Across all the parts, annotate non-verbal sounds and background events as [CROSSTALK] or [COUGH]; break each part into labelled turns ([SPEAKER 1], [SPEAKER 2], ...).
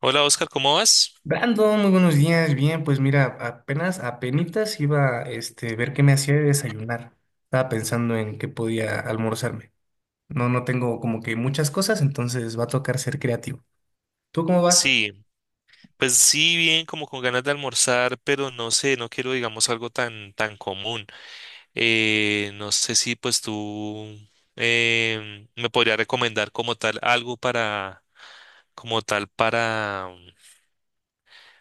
[SPEAKER 1] Hola Oscar, ¿cómo vas?
[SPEAKER 2] Brandon, muy buenos días. Bien, pues mira, apenas, apenitas iba ver qué me hacía de desayunar. Estaba pensando en qué podía almorzarme. No, no tengo como que muchas cosas, entonces va a tocar ser creativo. ¿Tú cómo vas?
[SPEAKER 1] Sí, pues sí, bien, como con ganas de almorzar, pero no sé, no quiero, digamos, algo tan, tan común. No sé si pues tú me podría recomendar como tal algo para, como tal para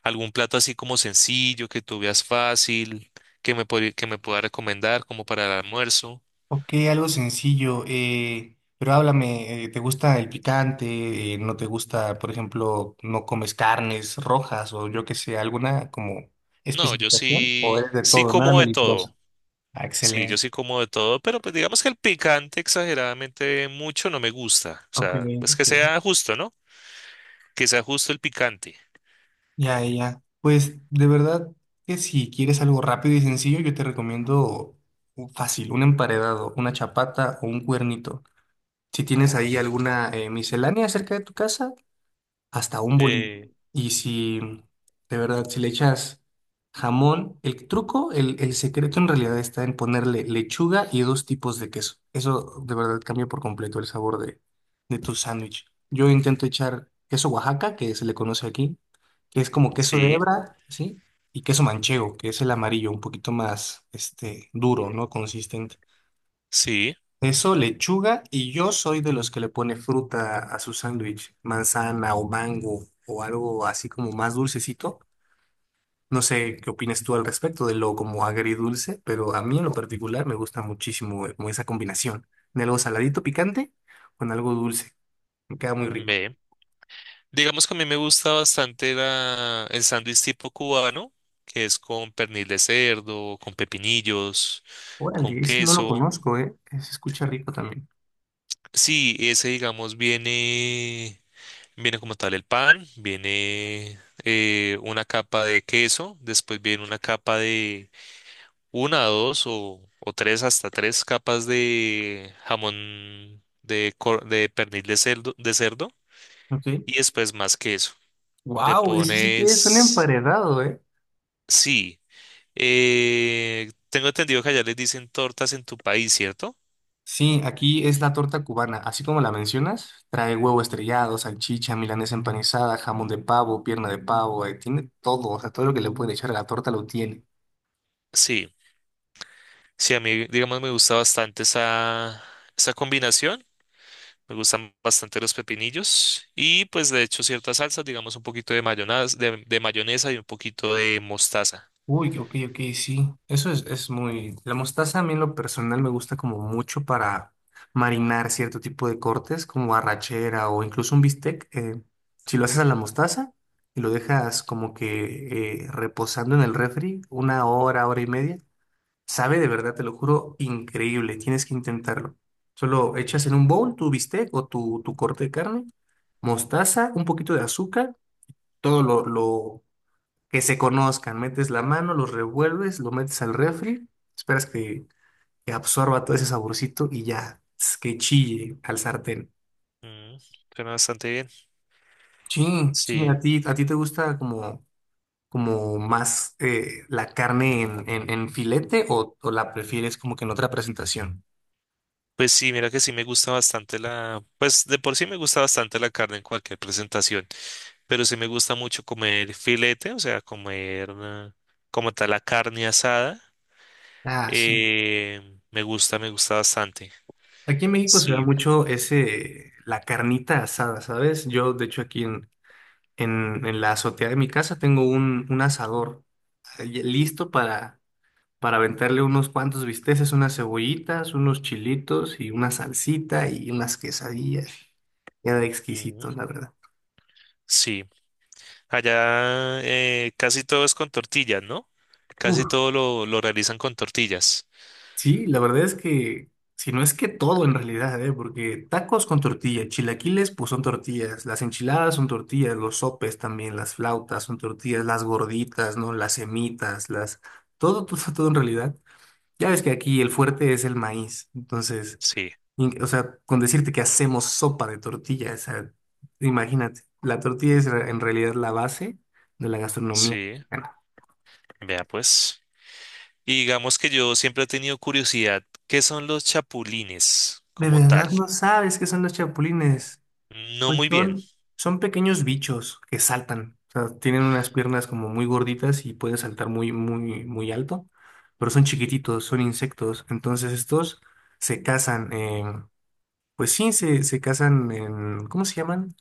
[SPEAKER 1] algún plato así como sencillo, que tú veas fácil, que me, que me pueda recomendar como para el almuerzo.
[SPEAKER 2] Ok, algo sencillo, pero háblame, ¿te gusta el picante? ¿No te gusta, por ejemplo, no comes carnes rojas o yo qué sé, alguna como
[SPEAKER 1] No, yo
[SPEAKER 2] especificación? ¿O
[SPEAKER 1] sí,
[SPEAKER 2] eres de
[SPEAKER 1] sí
[SPEAKER 2] todo, nada
[SPEAKER 1] como de
[SPEAKER 2] meliflosa?
[SPEAKER 1] todo.
[SPEAKER 2] Ah,
[SPEAKER 1] Sí, yo
[SPEAKER 2] excelente.
[SPEAKER 1] sí como de todo, pero pues digamos que el picante exageradamente mucho no me gusta. O
[SPEAKER 2] Ok,
[SPEAKER 1] sea, pues que
[SPEAKER 2] ok.
[SPEAKER 1] sea justo, ¿no? Que sea justo el picante.
[SPEAKER 2] Ya, ya. Pues de verdad que si quieres algo rápido y sencillo, yo te recomiendo fácil, un emparedado, una chapata o un cuernito. Si tienes ahí alguna miscelánea cerca de tu casa, hasta un bolillo.
[SPEAKER 1] Eh,
[SPEAKER 2] Y si, de verdad, si le echas jamón, el truco, el secreto en realidad está en ponerle lechuga y dos tipos de queso. Eso de verdad cambia por completo el sabor de tu sándwich. Yo intento echar queso Oaxaca, que se le conoce aquí, que es como queso de
[SPEAKER 1] sí,
[SPEAKER 2] hebra, ¿sí? Y queso manchego, que es el amarillo, un poquito más, este, duro, ¿no? Consistente.
[SPEAKER 1] sí,
[SPEAKER 2] Eso, lechuga, y yo soy de los que le pone fruta a su sándwich, manzana o mango o algo así como más dulcecito. No sé qué opinas tú al respecto de lo como agridulce, pero a mí en lo particular me gusta muchísimo como esa combinación de algo saladito picante con algo dulce. Me queda muy rico.
[SPEAKER 1] ve. Digamos que a mí me gusta bastante la, el sándwich tipo cubano, que es con pernil de cerdo, con pepinillos, con
[SPEAKER 2] Órale, ese no lo
[SPEAKER 1] queso.
[SPEAKER 2] conozco, ¿eh? Se escucha rico también.
[SPEAKER 1] Sí, ese digamos viene, viene como tal el pan, viene una capa de queso, después viene una capa de una, dos o tres, hasta tres capas de jamón de, de pernil de cerdo
[SPEAKER 2] Ok.
[SPEAKER 1] y después más queso. Le
[SPEAKER 2] Wow, ese sí que es un
[SPEAKER 1] pones,
[SPEAKER 2] emparedado, ¿eh?
[SPEAKER 1] sí, tengo entendido que allá les dicen tortas en tu país, ¿cierto?
[SPEAKER 2] Sí, aquí es la torta cubana, así como la mencionas, trae huevo estrellado, salchicha, milanesa empanizada, jamón de pavo, pierna de pavo, tiene todo, o sea, todo lo que le pueden echar a la torta lo tiene.
[SPEAKER 1] Sí, sí, a mí, digamos, me gusta bastante esa, esa combinación. Me gustan bastante los pepinillos y pues de hecho ciertas salsas, digamos un poquito de mayonesa, de mayonesa y un poquito de mostaza.
[SPEAKER 2] Uy, ok, ok, sí, es muy... La mostaza a mí en lo personal me gusta como mucho para marinar cierto tipo de cortes, como arrachera o incluso un bistec. Si lo haces a la mostaza y lo dejas como que reposando en el refri una hora, hora y media, sabe de verdad, te lo juro, increíble. Tienes que intentarlo. Solo echas en
[SPEAKER 1] Mm,
[SPEAKER 2] un bowl tu bistec o tu corte de carne, mostaza, un poquito de azúcar, todo lo que se conozcan. Metes la mano, los revuelves, lo metes al refri, esperas que absorba todo ese saborcito y ya, tss, que chille al sartén.
[SPEAKER 1] mm, suena bastante bien.
[SPEAKER 2] Sí, sí,
[SPEAKER 1] Sí,
[SPEAKER 2] a ti te gusta como, como más la carne en, en filete o la prefieres como que en otra presentación.
[SPEAKER 1] pues sí, mira que sí me gusta bastante la, pues de por sí me gusta bastante la carne en cualquier presentación, pero sí me gusta mucho comer filete, o sea, comer como tal la carne asada,
[SPEAKER 2] Ah, sí.
[SPEAKER 1] me gusta bastante.
[SPEAKER 2] Aquí en México se da
[SPEAKER 1] Sí,
[SPEAKER 2] mucho ese, la carnita asada, ¿sabes? Yo, de hecho, aquí en, en la azotea de mi casa tengo un asador listo para aventarle unos cuantos bisteces, unas cebollitas, unos chilitos y una salsita y unas quesadillas. Queda
[SPEAKER 1] ujú,
[SPEAKER 2] exquisito, la verdad.
[SPEAKER 1] sí. Allá casi todo es con tortillas, ¿no? Casi todo lo realizan con tortillas.
[SPEAKER 2] Sí, la verdad es que, si no es que todo en realidad, ¿eh? Porque tacos con tortilla, chilaquiles pues son tortillas, las enchiladas son tortillas, los sopes también, las flautas son tortillas, las gorditas, ¿no? Las semitas, las... Todo, [LAUGHS] todo, todo en realidad. Ya ves que aquí el fuerte es el maíz, entonces,
[SPEAKER 1] Sí,
[SPEAKER 2] o sea, con decirte que hacemos sopa de tortilla, o sea, imagínate, la tortilla en realidad la base de la gastronomía
[SPEAKER 1] sí,
[SPEAKER 2] mexicana.
[SPEAKER 1] vea pues. Y digamos que yo siempre he tenido curiosidad, ¿qué son los chapulines
[SPEAKER 2] De
[SPEAKER 1] como tal?
[SPEAKER 2] verdad no sabes qué son los chapulines.
[SPEAKER 1] No
[SPEAKER 2] Pues
[SPEAKER 1] muy bien.
[SPEAKER 2] son, son pequeños bichos que saltan. O sea, tienen unas piernas como muy gorditas y pueden saltar muy, muy, muy alto, pero son chiquititos, son insectos. Entonces estos se cazan, pues sí, se cazan en, ¿cómo se llaman?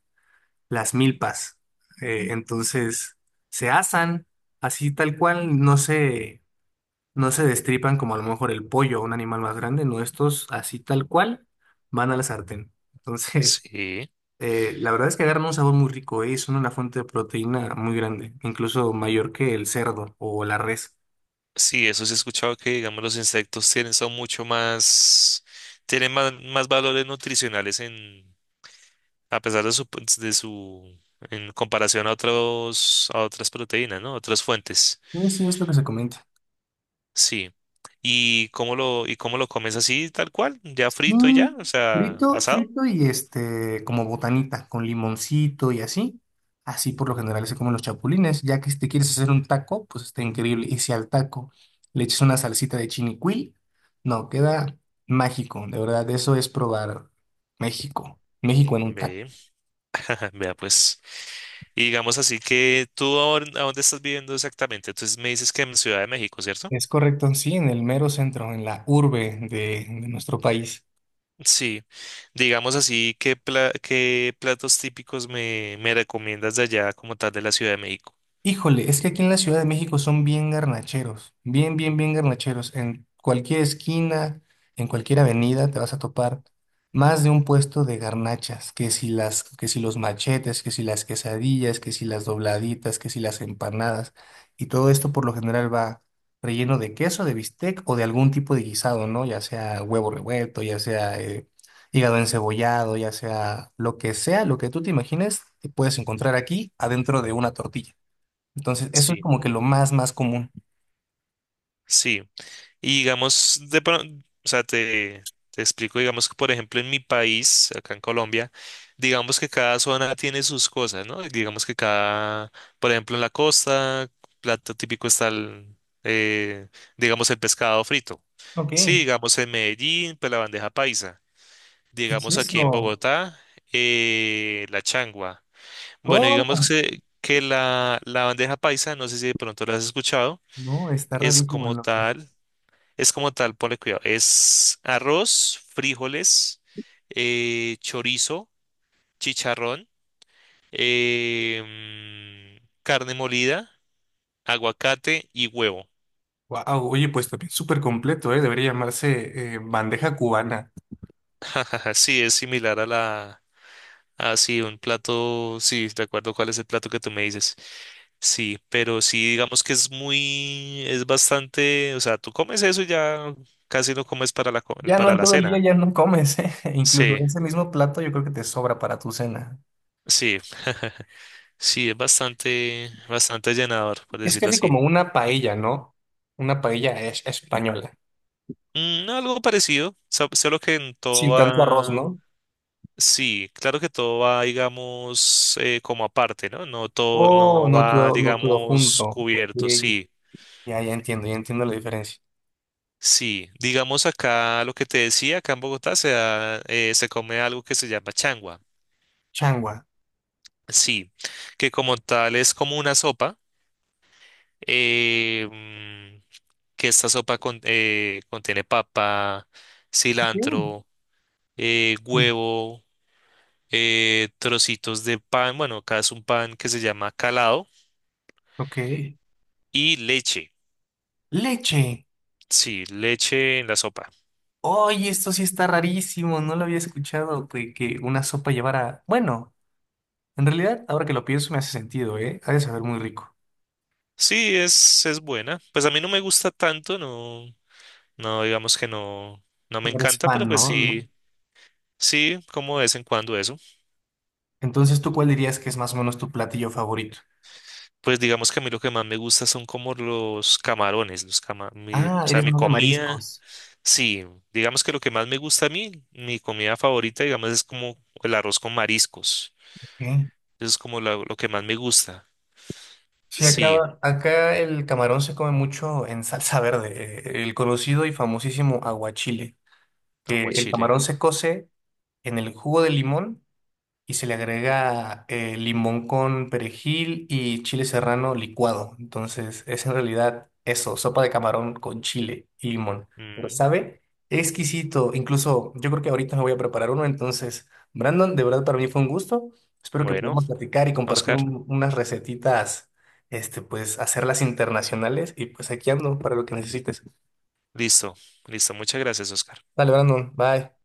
[SPEAKER 2] Las milpas. Entonces se asan así tal cual, no se destripan como a lo mejor el pollo o un animal más grande, no, estos así tal cual van a la sartén. [LAUGHS] Entonces...
[SPEAKER 1] Sí,
[SPEAKER 2] La verdad es que agarran un sabor muy rico, y son una fuente de proteína muy grande, incluso mayor que el cerdo o la res.
[SPEAKER 1] sí, eso sí he escuchado que, digamos, los insectos tienen, son mucho más, tienen más, más valores nutricionales en, a pesar de su, en comparación a otros, a otras proteínas, ¿no? Otras fuentes.
[SPEAKER 2] Sí, sí, es lo que se comenta.
[SPEAKER 1] Sí. Y cómo lo comes así, tal cual? ¿Ya frito y
[SPEAKER 2] Mm,
[SPEAKER 1] ya? O sea,
[SPEAKER 2] frito,
[SPEAKER 1] asado.
[SPEAKER 2] frito y como botanita, con limoncito y así. Así por lo general se comen los chapulines, ya que si te quieres hacer un taco, pues está increíble. Y si al taco le echas una salsita de chinicuil, no, queda mágico, de verdad, eso es probar México, México en un taco.
[SPEAKER 1] Ve, [LAUGHS] vea pues. Y digamos así que tú a dónde estás viviendo exactamente. Entonces me dices que en Ciudad de México, ¿cierto?
[SPEAKER 2] Es correcto, sí, en el mero centro, en la urbe de nuestro país.
[SPEAKER 1] Sí. Digamos así, ¿qué, qué platos típicos me, me recomiendas de allá como tal de la Ciudad de México?
[SPEAKER 2] Híjole, es que aquí en la Ciudad de México son bien garnacheros, bien, bien, bien garnacheros. En cualquier esquina, en cualquier avenida te vas a topar más de un puesto de garnachas, que si las, que si los machetes, que si las quesadillas, que si las dobladitas, que si las empanadas. Y todo esto por lo general va relleno de queso, de bistec o de algún tipo de guisado, ¿no? Ya sea huevo revuelto, ya sea hígado encebollado, ya sea, lo que tú te imagines, te puedes encontrar aquí adentro de una tortilla. Entonces, eso es
[SPEAKER 1] Sí.
[SPEAKER 2] como que lo más, más común.
[SPEAKER 1] Sí. Y digamos, o sea, te explico, digamos que por ejemplo en mi país, acá en Colombia, digamos que cada zona tiene sus cosas, ¿no? Digamos que cada, por ejemplo en la costa, plato típico está el, eh, digamos el pescado frito.
[SPEAKER 2] Ok,
[SPEAKER 1] Sí,
[SPEAKER 2] ¿qué
[SPEAKER 1] digamos en Medellín, pues la bandeja paisa.
[SPEAKER 2] es
[SPEAKER 1] Digamos aquí en
[SPEAKER 2] eso?
[SPEAKER 1] Bogotá, la changua. Bueno,
[SPEAKER 2] ¿Cómo?
[SPEAKER 1] digamos que la bandeja paisa, no sé si de pronto la has escuchado,
[SPEAKER 2] No, está
[SPEAKER 1] es
[SPEAKER 2] rarísimo el
[SPEAKER 1] como
[SPEAKER 2] nombre.
[SPEAKER 1] tal. Es como tal, ponle cuidado. Es arroz, frijoles, chorizo, chicharrón, eh, carne molida, aguacate y huevo.
[SPEAKER 2] Wow, oye, pues también súper completo, ¿eh? Debería llamarse bandeja cubana.
[SPEAKER 1] [LAUGHS] Jajaja, sí, es similar a la... Ah, sí, un plato... Sí, de acuerdo cuál es el plato que tú me dices. Sí, pero sí, digamos que es muy... Es bastante... O sea, tú comes eso y ya casi no comes para la,
[SPEAKER 2] Ya no
[SPEAKER 1] para
[SPEAKER 2] en
[SPEAKER 1] la
[SPEAKER 2] todo el día
[SPEAKER 1] cena.
[SPEAKER 2] ya no comes, ¿eh? [LAUGHS] Incluso
[SPEAKER 1] Sí,
[SPEAKER 2] ese mismo plato yo creo que te sobra para tu cena.
[SPEAKER 1] sí. [LAUGHS] Sí, es bastante, bastante llenador, por
[SPEAKER 2] Es
[SPEAKER 1] decirlo
[SPEAKER 2] casi
[SPEAKER 1] así.
[SPEAKER 2] como una paella, ¿no? Una paella española.
[SPEAKER 1] Mm, algo parecido, solo que en todo
[SPEAKER 2] Sin tanto arroz,
[SPEAKER 1] va,
[SPEAKER 2] ¿no?
[SPEAKER 1] sí, claro que todo va, digamos, como aparte, ¿no? No todo,
[SPEAKER 2] Oh,
[SPEAKER 1] no
[SPEAKER 2] no
[SPEAKER 1] va,
[SPEAKER 2] todo, no todo
[SPEAKER 1] digamos,
[SPEAKER 2] junto. Ok.
[SPEAKER 1] cubierto,
[SPEAKER 2] Sí.
[SPEAKER 1] sí,
[SPEAKER 2] Ya, ya entiendo la diferencia.
[SPEAKER 1] sí. Digamos acá lo que te decía, acá en Bogotá se da, se come algo que se llama changua,
[SPEAKER 2] Changua.
[SPEAKER 1] sí, que como tal es como una sopa, eh, mm, que esta sopa contiene papa,
[SPEAKER 2] Bien.
[SPEAKER 1] cilantro
[SPEAKER 2] Uy,
[SPEAKER 1] huevo, trocitos de pan, bueno, acá es un pan que se llama calado
[SPEAKER 2] ok.
[SPEAKER 1] y leche.
[SPEAKER 2] Leche.
[SPEAKER 1] Sí, leche en la sopa.
[SPEAKER 2] Oye, esto sí está rarísimo. No lo había escuchado de que una sopa llevara. Bueno, en realidad, ahora que lo pienso, me hace sentido, ¿eh? Ha de saber muy rico.
[SPEAKER 1] Sí, es buena. Pues a mí no me gusta tanto, no, no, digamos que no, no me
[SPEAKER 2] No eres
[SPEAKER 1] encanta, pero
[SPEAKER 2] fan,
[SPEAKER 1] pues
[SPEAKER 2] ¿no? No.
[SPEAKER 1] sí, sí, como de vez en cuando eso.
[SPEAKER 2] Entonces, ¿tú cuál dirías que es más o menos tu platillo favorito?
[SPEAKER 1] Pues digamos que a mí lo que más me gusta son como los camarones, los cama, mi, o
[SPEAKER 2] Ah,
[SPEAKER 1] sea,
[SPEAKER 2] eres
[SPEAKER 1] mi
[SPEAKER 2] más de
[SPEAKER 1] comida.
[SPEAKER 2] mariscos.
[SPEAKER 1] Sí, digamos que lo que más me gusta a mí, mi comida favorita, digamos, es como el arroz con mariscos.
[SPEAKER 2] Ok.
[SPEAKER 1] Eso es como lo que más me gusta.
[SPEAKER 2] Sí,
[SPEAKER 1] Sí,
[SPEAKER 2] acá, acá el camarón se come mucho en salsa verde, el conocido y famosísimo aguachile, que el
[SPEAKER 1] aguachile.
[SPEAKER 2] camarón se cose en el jugo de limón y se le agrega limón con perejil y chile serrano licuado. Entonces es en realidad eso, sopa de camarón con chile y limón. Pero
[SPEAKER 1] Mm,
[SPEAKER 2] sabe exquisito. Incluso yo creo que ahorita me voy a preparar uno. Entonces, Brandon, de verdad para mí fue un gusto. Espero que
[SPEAKER 1] bueno,
[SPEAKER 2] podamos platicar y compartir
[SPEAKER 1] Oscar,
[SPEAKER 2] unas recetitas, este, pues hacerlas internacionales y pues aquí ando para lo que necesites.
[SPEAKER 1] listo, listo. Muchas gracias, Oscar.
[SPEAKER 2] Dale, Brandon, bye.